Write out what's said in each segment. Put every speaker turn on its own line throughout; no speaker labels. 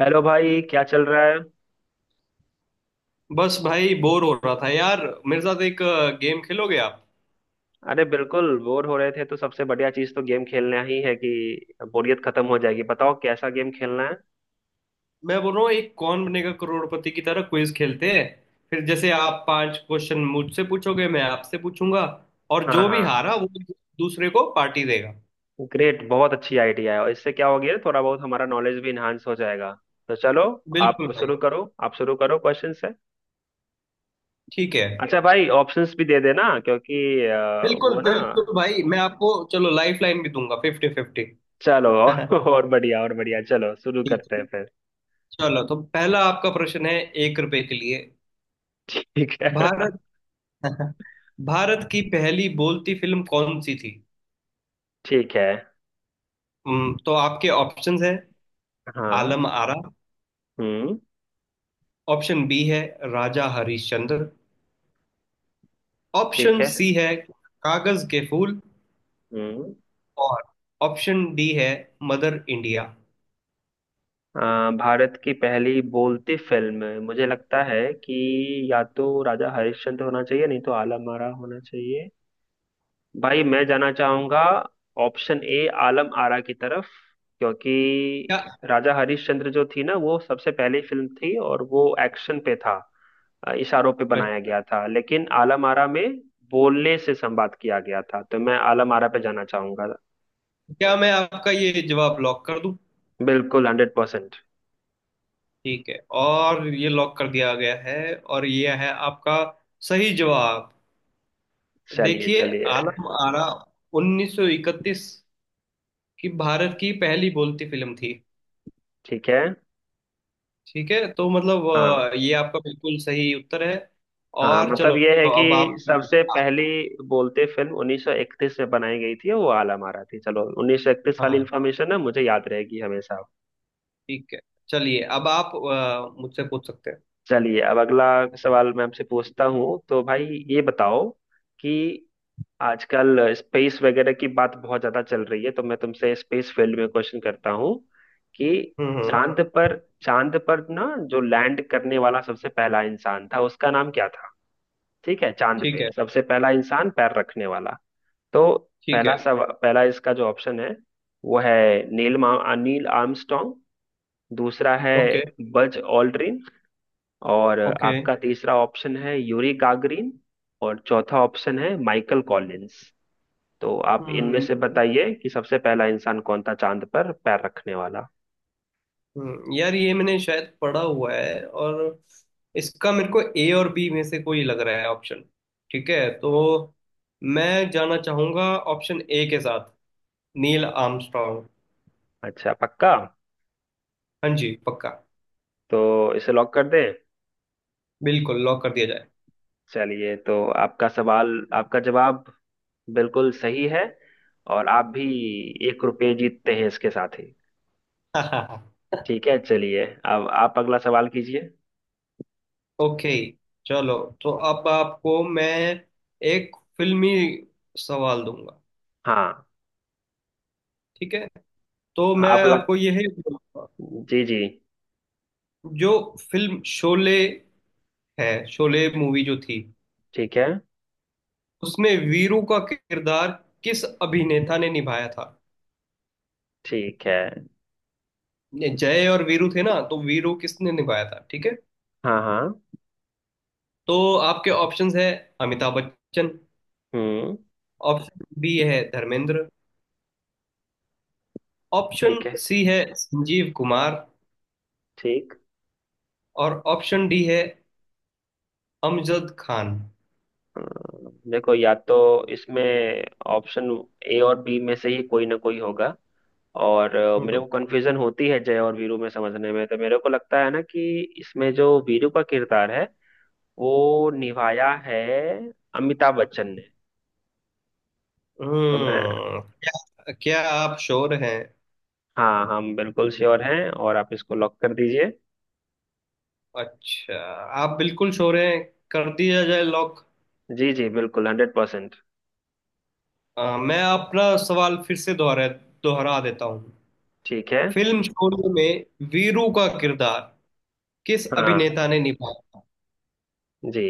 Hello भाई, क्या चल रहा है?
बस भाई बोर हो रहा था यार। मेरे साथ एक गेम खेलोगे आप?
अरे बिल्कुल, बोर हो रहे थे तो सबसे बढ़िया चीज तो गेम खेलना ही है कि बोरियत खत्म हो जाएगी। बताओ कैसा गेम खेलना है?
मैं बोल रहा हूँ एक कौन बनेगा करोड़पति की तरह क्विज खेलते हैं। फिर जैसे आप पांच क्वेश्चन मुझसे पूछोगे, मैं आपसे पूछूंगा और
हाँ
जो भी
हाँ।
हारा वो दूसरे को पार्टी देगा।
ग्रेट, बहुत अच्छी आइडिया है और इससे क्या हो गया थोड़ा बहुत हमारा नॉलेज भी इन्हांस हो जाएगा। तो चलो,
बिल्कुल भाई।
आप शुरू करो क्वेश्चन से।
ठीक है।
अच्छा भाई, ऑप्शंस भी दे देना क्योंकि
बिल्कुल
वो ना।
बिल्कुल भाई, मैं आपको चलो लाइफ लाइन भी दूंगा, फिफ्टी फिफ्टी।
चलो
ठीक
और बढ़िया और बढ़िया, चलो शुरू
है।
करते हैं फिर।
चलो तो पहला आपका प्रश्न है, एक रुपए के लिए।
ठीक है।
भारत भारत की पहली बोलती फिल्म कौन सी थी?
ठीक है।
तो आपके ऑप्शंस है,
हाँ।
आलम आरा।
हम्म।
ऑप्शन बी है राजा हरिश्चंद्र।
ठीक
ऑप्शन
है।
सी है कागज के फूल।
हम्म।
और ऑप्शन डी है मदर इंडिया।
अ, भारत की पहली बोलती फिल्म मुझे लगता है कि या तो राजा हरिश्चंद्र होना चाहिए, नहीं तो आलम आरा होना चाहिए। भाई मैं जाना चाहूंगा ऑप्शन ए आलम आरा की तरफ, क्योंकि
क्या?
राजा हरिश्चंद्र जो थी ना वो सबसे पहली फिल्म थी और वो एक्शन पे था, इशारों पे बनाया
अच्छा।
गया था, लेकिन आलम आरा में बोलने से संवाद किया गया था, तो मैं आलम आरा पे जाना चाहूंगा।
क्या मैं आपका ये जवाब लॉक कर दूं?
बिल्कुल, हंड्रेड परसेंट।
ठीक है, और ये लॉक कर दिया गया है। और ये है आपका सही जवाब।
चलिए
देखिए,
चलिए।
आलम आरा 1931 की भारत की पहली बोलती फिल्म थी।
ठीक है।
ठीक है तो मतलब,
हाँ
ये आपका बिल्कुल सही उत्तर है।
हाँ।
और चलो
मतलब ये है कि
अब आप,
सबसे पहली बोलते फिल्म 1931 में बनाई गई थी, वो आला मारा थी। चलो 1931 वाली
हाँ,
इन्फॉर्मेशन ना मुझे याद रहेगी हमेशा।
ठीक है। चलिए अब आप मुझसे पूछ सकते हैं।
चलिए अब अगला सवाल मैं आपसे पूछता हूँ। तो भाई ये बताओ कि आजकल स्पेस वगैरह की बात बहुत ज्यादा चल रही है, तो मैं तुमसे स्पेस फील्ड में क्वेश्चन करता हूँ कि
हम्म।
चांद पर चांद पर ना जो लैंड करने वाला सबसे पहला इंसान था उसका नाम क्या था? ठीक है, चांद
ठीक
पे
है।
सबसे पहला इंसान पैर रखने वाला। तो
ठीक
पहला
है।
सब पहला इसका जो ऑप्शन है वो है नील आर्मस्ट्रॉन्ग। दूसरा है
ओके।
Buzz Aldrin. और
ओके।
आपका तीसरा ऑप्शन है यूरी गागरिन। और चौथा ऑप्शन है माइकल कॉलिंस। तो आप इनमें
हम्म।
से बताइए कि सबसे पहला इंसान कौन था चांद पर पैर रखने वाला?
यार ये मैंने शायद पढ़ा हुआ है, और इसका मेरे को ए और बी में से कोई लग रहा है ऑप्शन। ठीक है, तो मैं जाना चाहूंगा ऑप्शन ए के साथ, नील आर्मस्ट्रॉन्ग।
अच्छा पक्का?
हाँ जी, पक्का।
तो इसे लॉक कर दें?
बिल्कुल, लॉक कर दिया जाए।
चलिए, तो आपका सवाल, आपका जवाब बिल्कुल सही है और आप भी एक रुपये जीतते हैं इसके साथ ही। ठीक है, चलिए अब आप अगला सवाल कीजिए।
ओके, चलो तो अब आपको मैं एक फिल्मी सवाल दूंगा।
हाँ।
ठीक है, तो मैं
आप लग
आपको ये है,
जी जी।
जो फिल्म शोले है, शोले मूवी जो थी,
ठीक है।
उसमें वीरू का किरदार किस अभिनेता ने निभाया था?
ठीक है।
ये जय और वीरू थे ना, तो वीरू किसने निभाया था, ठीक है?
हाँ हाँ।
तो आपके ऑप्शंस है अमिताभ बच्चन।
हम्म।
ऑप्शन बी है धर्मेंद्र। ऑप्शन
ठीक है।
सी है संजीव कुमार।
ठीक।
और ऑप्शन डी है अमजद खान।
देखो, या तो इसमें ऑप्शन ए और बी में से ही कोई ना कोई होगा। और मेरे को कंफ्यूजन होती है जय और वीरू में समझने में, तो मेरे को लगता है ना कि इसमें जो वीरू का किरदार है वो निभाया है अमिताभ बच्चन ने। तो मैं
हम्म, क्या क्या आप श्योर हैं?
हाँ, हम बिल्कुल श्योर हैं और आप इसको लॉक कर दीजिए।
अच्छा, आप बिल्कुल श्योर हैं? कर दिया जाए लॉक।
जी जी, बिल्कुल हंड्रेड परसेंट।
मैं अपना सवाल फिर से दोहरा दोहरा देता हूँ।
ठीक है।
फिल्म शोले में वीरू का किरदार किस
हाँ
अभिनेता ने निभाया था?
जी।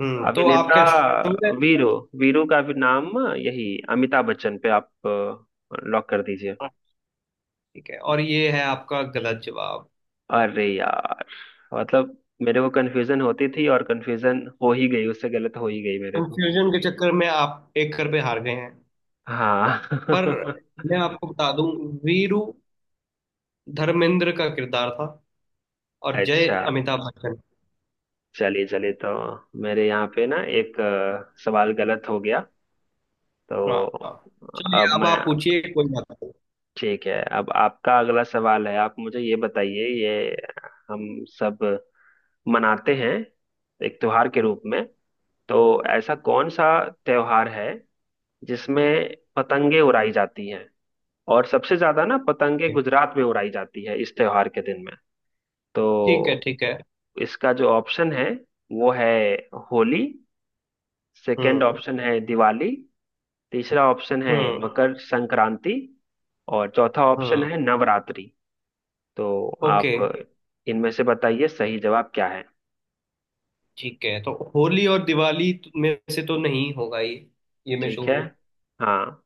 हम्म, तो आप
अभिनेता
क्या श्योर है?
वीरू वीरू का भी नाम यही, अमिताभ बच्चन पे आप लॉक कर दीजिए।
हाँ, ठीक है, और ये है आपका गलत जवाब।
अरे यार, मतलब मेरे को कंफ्यूजन होती थी और कंफ्यूजन हो ही गई, उससे गलत हो ही गई मेरे को।
कंफ्यूजन के चक्कर में आप एक कर पे हार गए हैं।
हाँ।
पर मैं आपको बता दूं, वीरू धर्मेंद्र का किरदार था और जय
अच्छा।
अमिताभ बच्चन।
चलिए चलिए, तो मेरे यहाँ पे ना एक सवाल गलत हो गया। तो
हाँ। चलिए
अब
अब
मैं
आप पूछिए। कोई बात
ठीक है, अब आपका अगला सवाल है, आप मुझे ये बताइए, ये हम सब मनाते हैं एक त्योहार के रूप में। तो ऐसा कौन सा त्योहार है जिसमें पतंगे उड़ाई जाती हैं, और सबसे ज्यादा ना पतंगे
नहीं।
गुजरात में उड़ाई जाती है इस त्योहार के दिन में? तो
ठीक है। ठीक है।
इसका जो ऑप्शन है वो है होली। सेकंड
हम्म।
ऑप्शन है दिवाली। तीसरा ऑप्शन है
हम्म।
मकर संक्रांति। और चौथा ऑप्शन
हम्म।
है नवरात्रि। तो
ओके।
आप इनमें से बताइए सही जवाब क्या है?
ठीक है, तो होली और दिवाली में से तो नहीं होगा ये मैं
ठीक
श्योर
है।
हूँ।
हाँ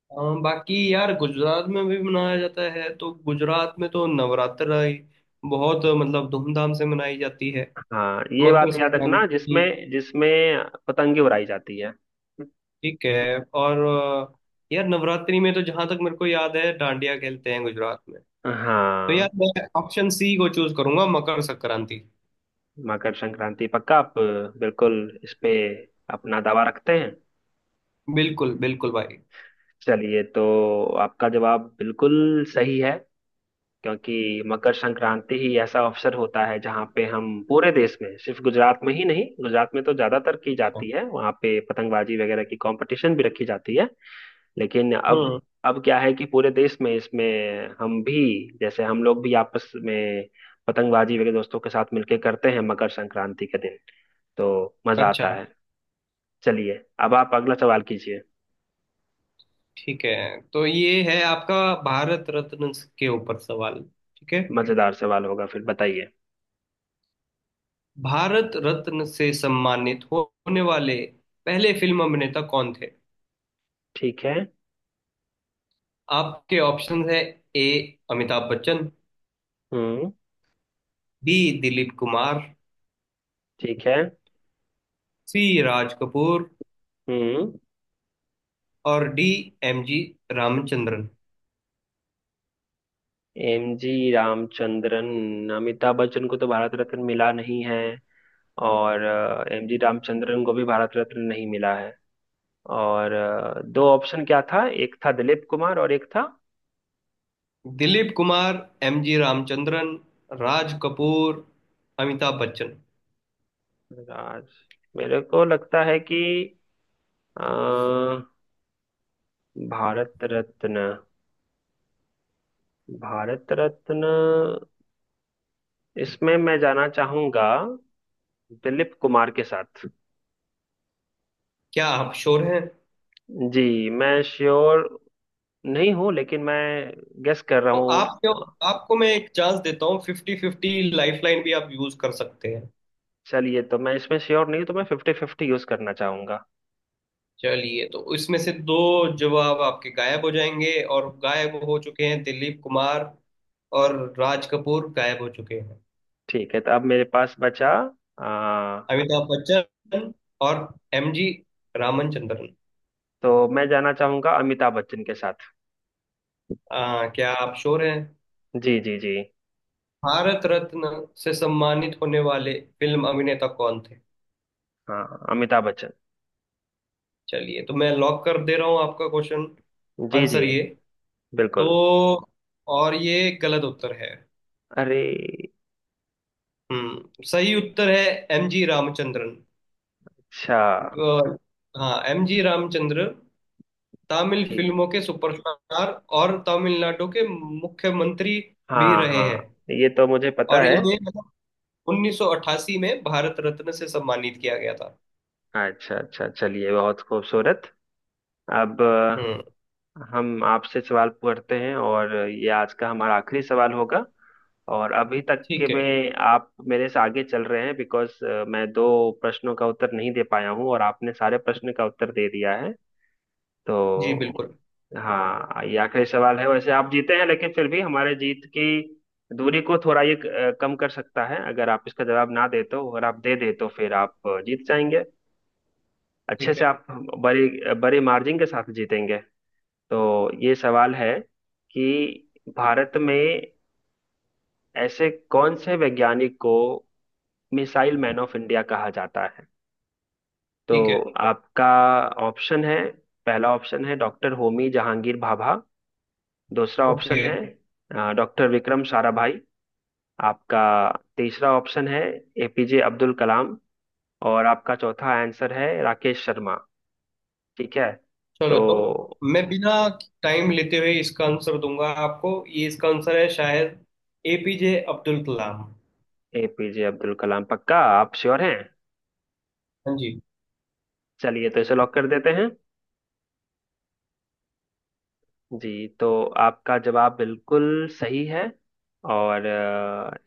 अ, बाकी यार गुजरात में भी मनाया जाता है, तो गुजरात में तो नवरात्र ही बहुत मतलब धूमधाम से मनाई जाती है।
हाँ, ये बात
मकर
याद रखना
संक्रांति।
जिसमें जिसमें पतंगे उड़ाई जाती है।
ठीक है और यार नवरात्रि में तो जहां तक मेरे को याद है डांडिया खेलते हैं गुजरात में। तो यार
हाँ।
मैं ऑप्शन सी को चूज करूंगा, मकर संक्रांति।
मकर संक्रांति, पक्का आप बिल्कुल इस पे अपना दावा रखते हैं?
बिल्कुल बिल्कुल भाई।
चलिए, तो आपका जवाब बिल्कुल सही है, क्योंकि मकर संक्रांति ही ऐसा अवसर होता है जहाँ पे हम पूरे देश में, सिर्फ गुजरात में ही नहीं, गुजरात में तो ज्यादातर की जाती है, वहाँ पे पतंगबाजी वगैरह की कंपटीशन भी रखी जाती है। लेकिन अब
हम्म।
अब क्या है कि पूरे देश में इसमें हम भी, जैसे हम लोग भी आपस में पतंगबाजी वगैरह दोस्तों के साथ मिलके करते हैं मकर संक्रांति के दिन, तो मजा आता
अच्छा।
है। चलिए, अब आप अगला सवाल कीजिए।
ठीक है, तो ये है आपका भारत रत्न के ऊपर सवाल। ठीक है।
मजेदार सवाल होगा, फिर बताइए।
भारत रत्न से सम्मानित होने वाले पहले फिल्म अभिनेता कौन थे?
ठीक है।
आपके ऑप्शन है, ए अमिताभ बच्चन।
हम्म।
बी दिलीप कुमार।
ठीक है।
सी राज कपूर।
हम्म।
और D M G Ramachandran.
M G Ramachandran. Amitabh Bachchan को तो भारत रत्न मिला नहीं है, और एम जी रामचंद्रन को भी भारत रत्न नहीं मिला है। और दो ऑप्शन क्या था, एक था दिलीप कुमार और एक था
दिलीप कुमार, एम जी रामचंद्रन, राज कपूर, अमिताभ बच्चन।
राज, मेरे को लगता है कि अ, भारत रत्न भारत रत्न इसमें मैं जाना चाहूंगा दिलीप कुमार के साथ।
क्या आप श्योर हैं?
जी, मैं श्योर नहीं हूँ, लेकिन मैं गेस कर रहा
तो
हूँ।
आप क्यों, आपको मैं एक चांस देता हूँ, फिफ्टी फिफ्टी लाइफलाइन भी आप यूज कर सकते हैं।
चलिए, तो मैं इसमें श्योर नहीं हूँ, तो मैं फिफ्टी फिफ्टी यूज करना चाहूंगा।
चलिए, तो इसमें से दो जवाब आपके गायब हो जाएंगे, और गायब हो चुके हैं दिलीप कुमार और राज कपूर। गायब हो चुके हैं
ठीक है, तो अब मेरे पास बचा आ,
अमिताभ बच्चन और एम जी रामचंद्रन।
तो मैं जाना चाहूंगा अमिताभ बच्चन के साथ।
क्या आप श्योर हैं?
जी जी जी।
भारत रत्न से सम्मानित होने वाले फिल्म अभिनेता कौन थे?
हाँ, अमिताभ बच्चन।
चलिए, तो मैं लॉक कर दे रहा हूँ आपका क्वेश्चन,
जी जी
आंसर ये। तो
बिल्कुल।
और ये गलत उत्तर है।
अरे।
हम्म। सही उत्तर है एम जी रामचंद्रन।
अच्छा।
अ, हाँ, एम जी रामचंद्र तमिल
ठीक।
फिल्मों के सुपरस्टार और तमिलनाडु के मुख्यमंत्री भी
हाँ
रहे
हाँ,
हैं।
ये तो मुझे पता
और
है।
इन्हें मतलब 1988 में भारत रत्न से सम्मानित किया गया था।
अच्छा अच्छा, चलिए, बहुत खूबसूरत। अब
हम्म।
हम आपसे सवाल करते हैं, और ये आज का हमारा आखिरी सवाल होगा। और अभी तक के
ठीक है।
में आप मेरे से आगे चल रहे हैं, बिकॉज मैं दो प्रश्नों का उत्तर नहीं दे पाया हूँ, और आपने सारे प्रश्न का उत्तर दे दिया है।
जी
तो
बिल्कुल।
हाँ, ये आखिरी सवाल है, वैसे आप जीते हैं, लेकिन फिर भी हमारे जीत की दूरी को थोड़ा ये कम कर सकता है अगर आप इसका जवाब ना दे तो, और आप दे दे तो फिर आप जीत जाएंगे, अच्छे
ठीक है।
से आप बड़ी बड़े मार्जिन के साथ जीतेंगे। तो ये सवाल है कि भारत में ऐसे कौन से वैज्ञानिक को मिसाइल मैन ऑफ इंडिया कहा जाता है? तो
ठीक है।
आपका ऑप्शन है, पहला ऑप्शन है डॉक्टर होमी जहांगीर भाभा। दूसरा
ओके।
ऑप्शन है डॉक्टर विक्रम साराभाई। आपका तीसरा ऑप्शन है एपीजे अब्दुल कलाम। और आपका चौथा आंसर है राकेश शर्मा। ठीक है। तो
चलो तो मैं बिना टाइम लेते हुए इसका आंसर दूंगा आपको, ये इसका आंसर है शायद एपीजे अब्दुल कलाम।
एपीजे अब्दुल कलाम, पक्का आप श्योर हैं?
हाँ जी।
चलिए, तो इसे लॉक कर देते हैं। जी। तो आपका जवाब बिल्कुल सही है, और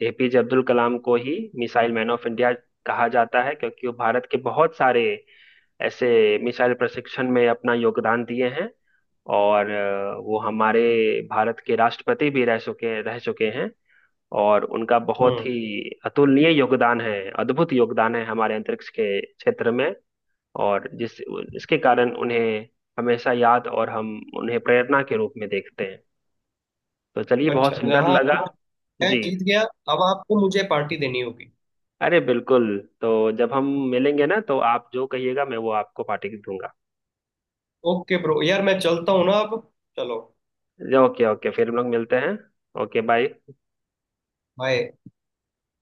एपीजे अब्दुल कलाम को ही मिसाइल मैन ऑफ इंडिया कहा जाता है, क्योंकि वो भारत के बहुत सारे ऐसे मिसाइल प्रशिक्षण में अपना योगदान दिए हैं। और वो हमारे भारत के राष्ट्रपति भी रह चुके हैं। और उनका बहुत
हम्म।
ही अतुलनीय योगदान है, अद्भुत योगदान है हमारे अंतरिक्ष के क्षेत्र में। और जिस इसके कारण उन्हें हमेशा याद, और हम उन्हें प्रेरणा के रूप में देखते हैं। तो चलिए,
अच्छा।
बहुत सुंदर
हाँ, तो
लगा।
मैं
जी।
जीत गया। अब आपको मुझे पार्टी देनी होगी।
अरे बिल्कुल, तो जब हम मिलेंगे ना तो आप जो कहिएगा मैं वो आपको पार्टी दूंगा।
ओके ब्रो, यार मैं चलता हूँ ना अब। चलो,
ओके ओके, फिर हम लोग मिलते हैं। Okay bye.
बाय।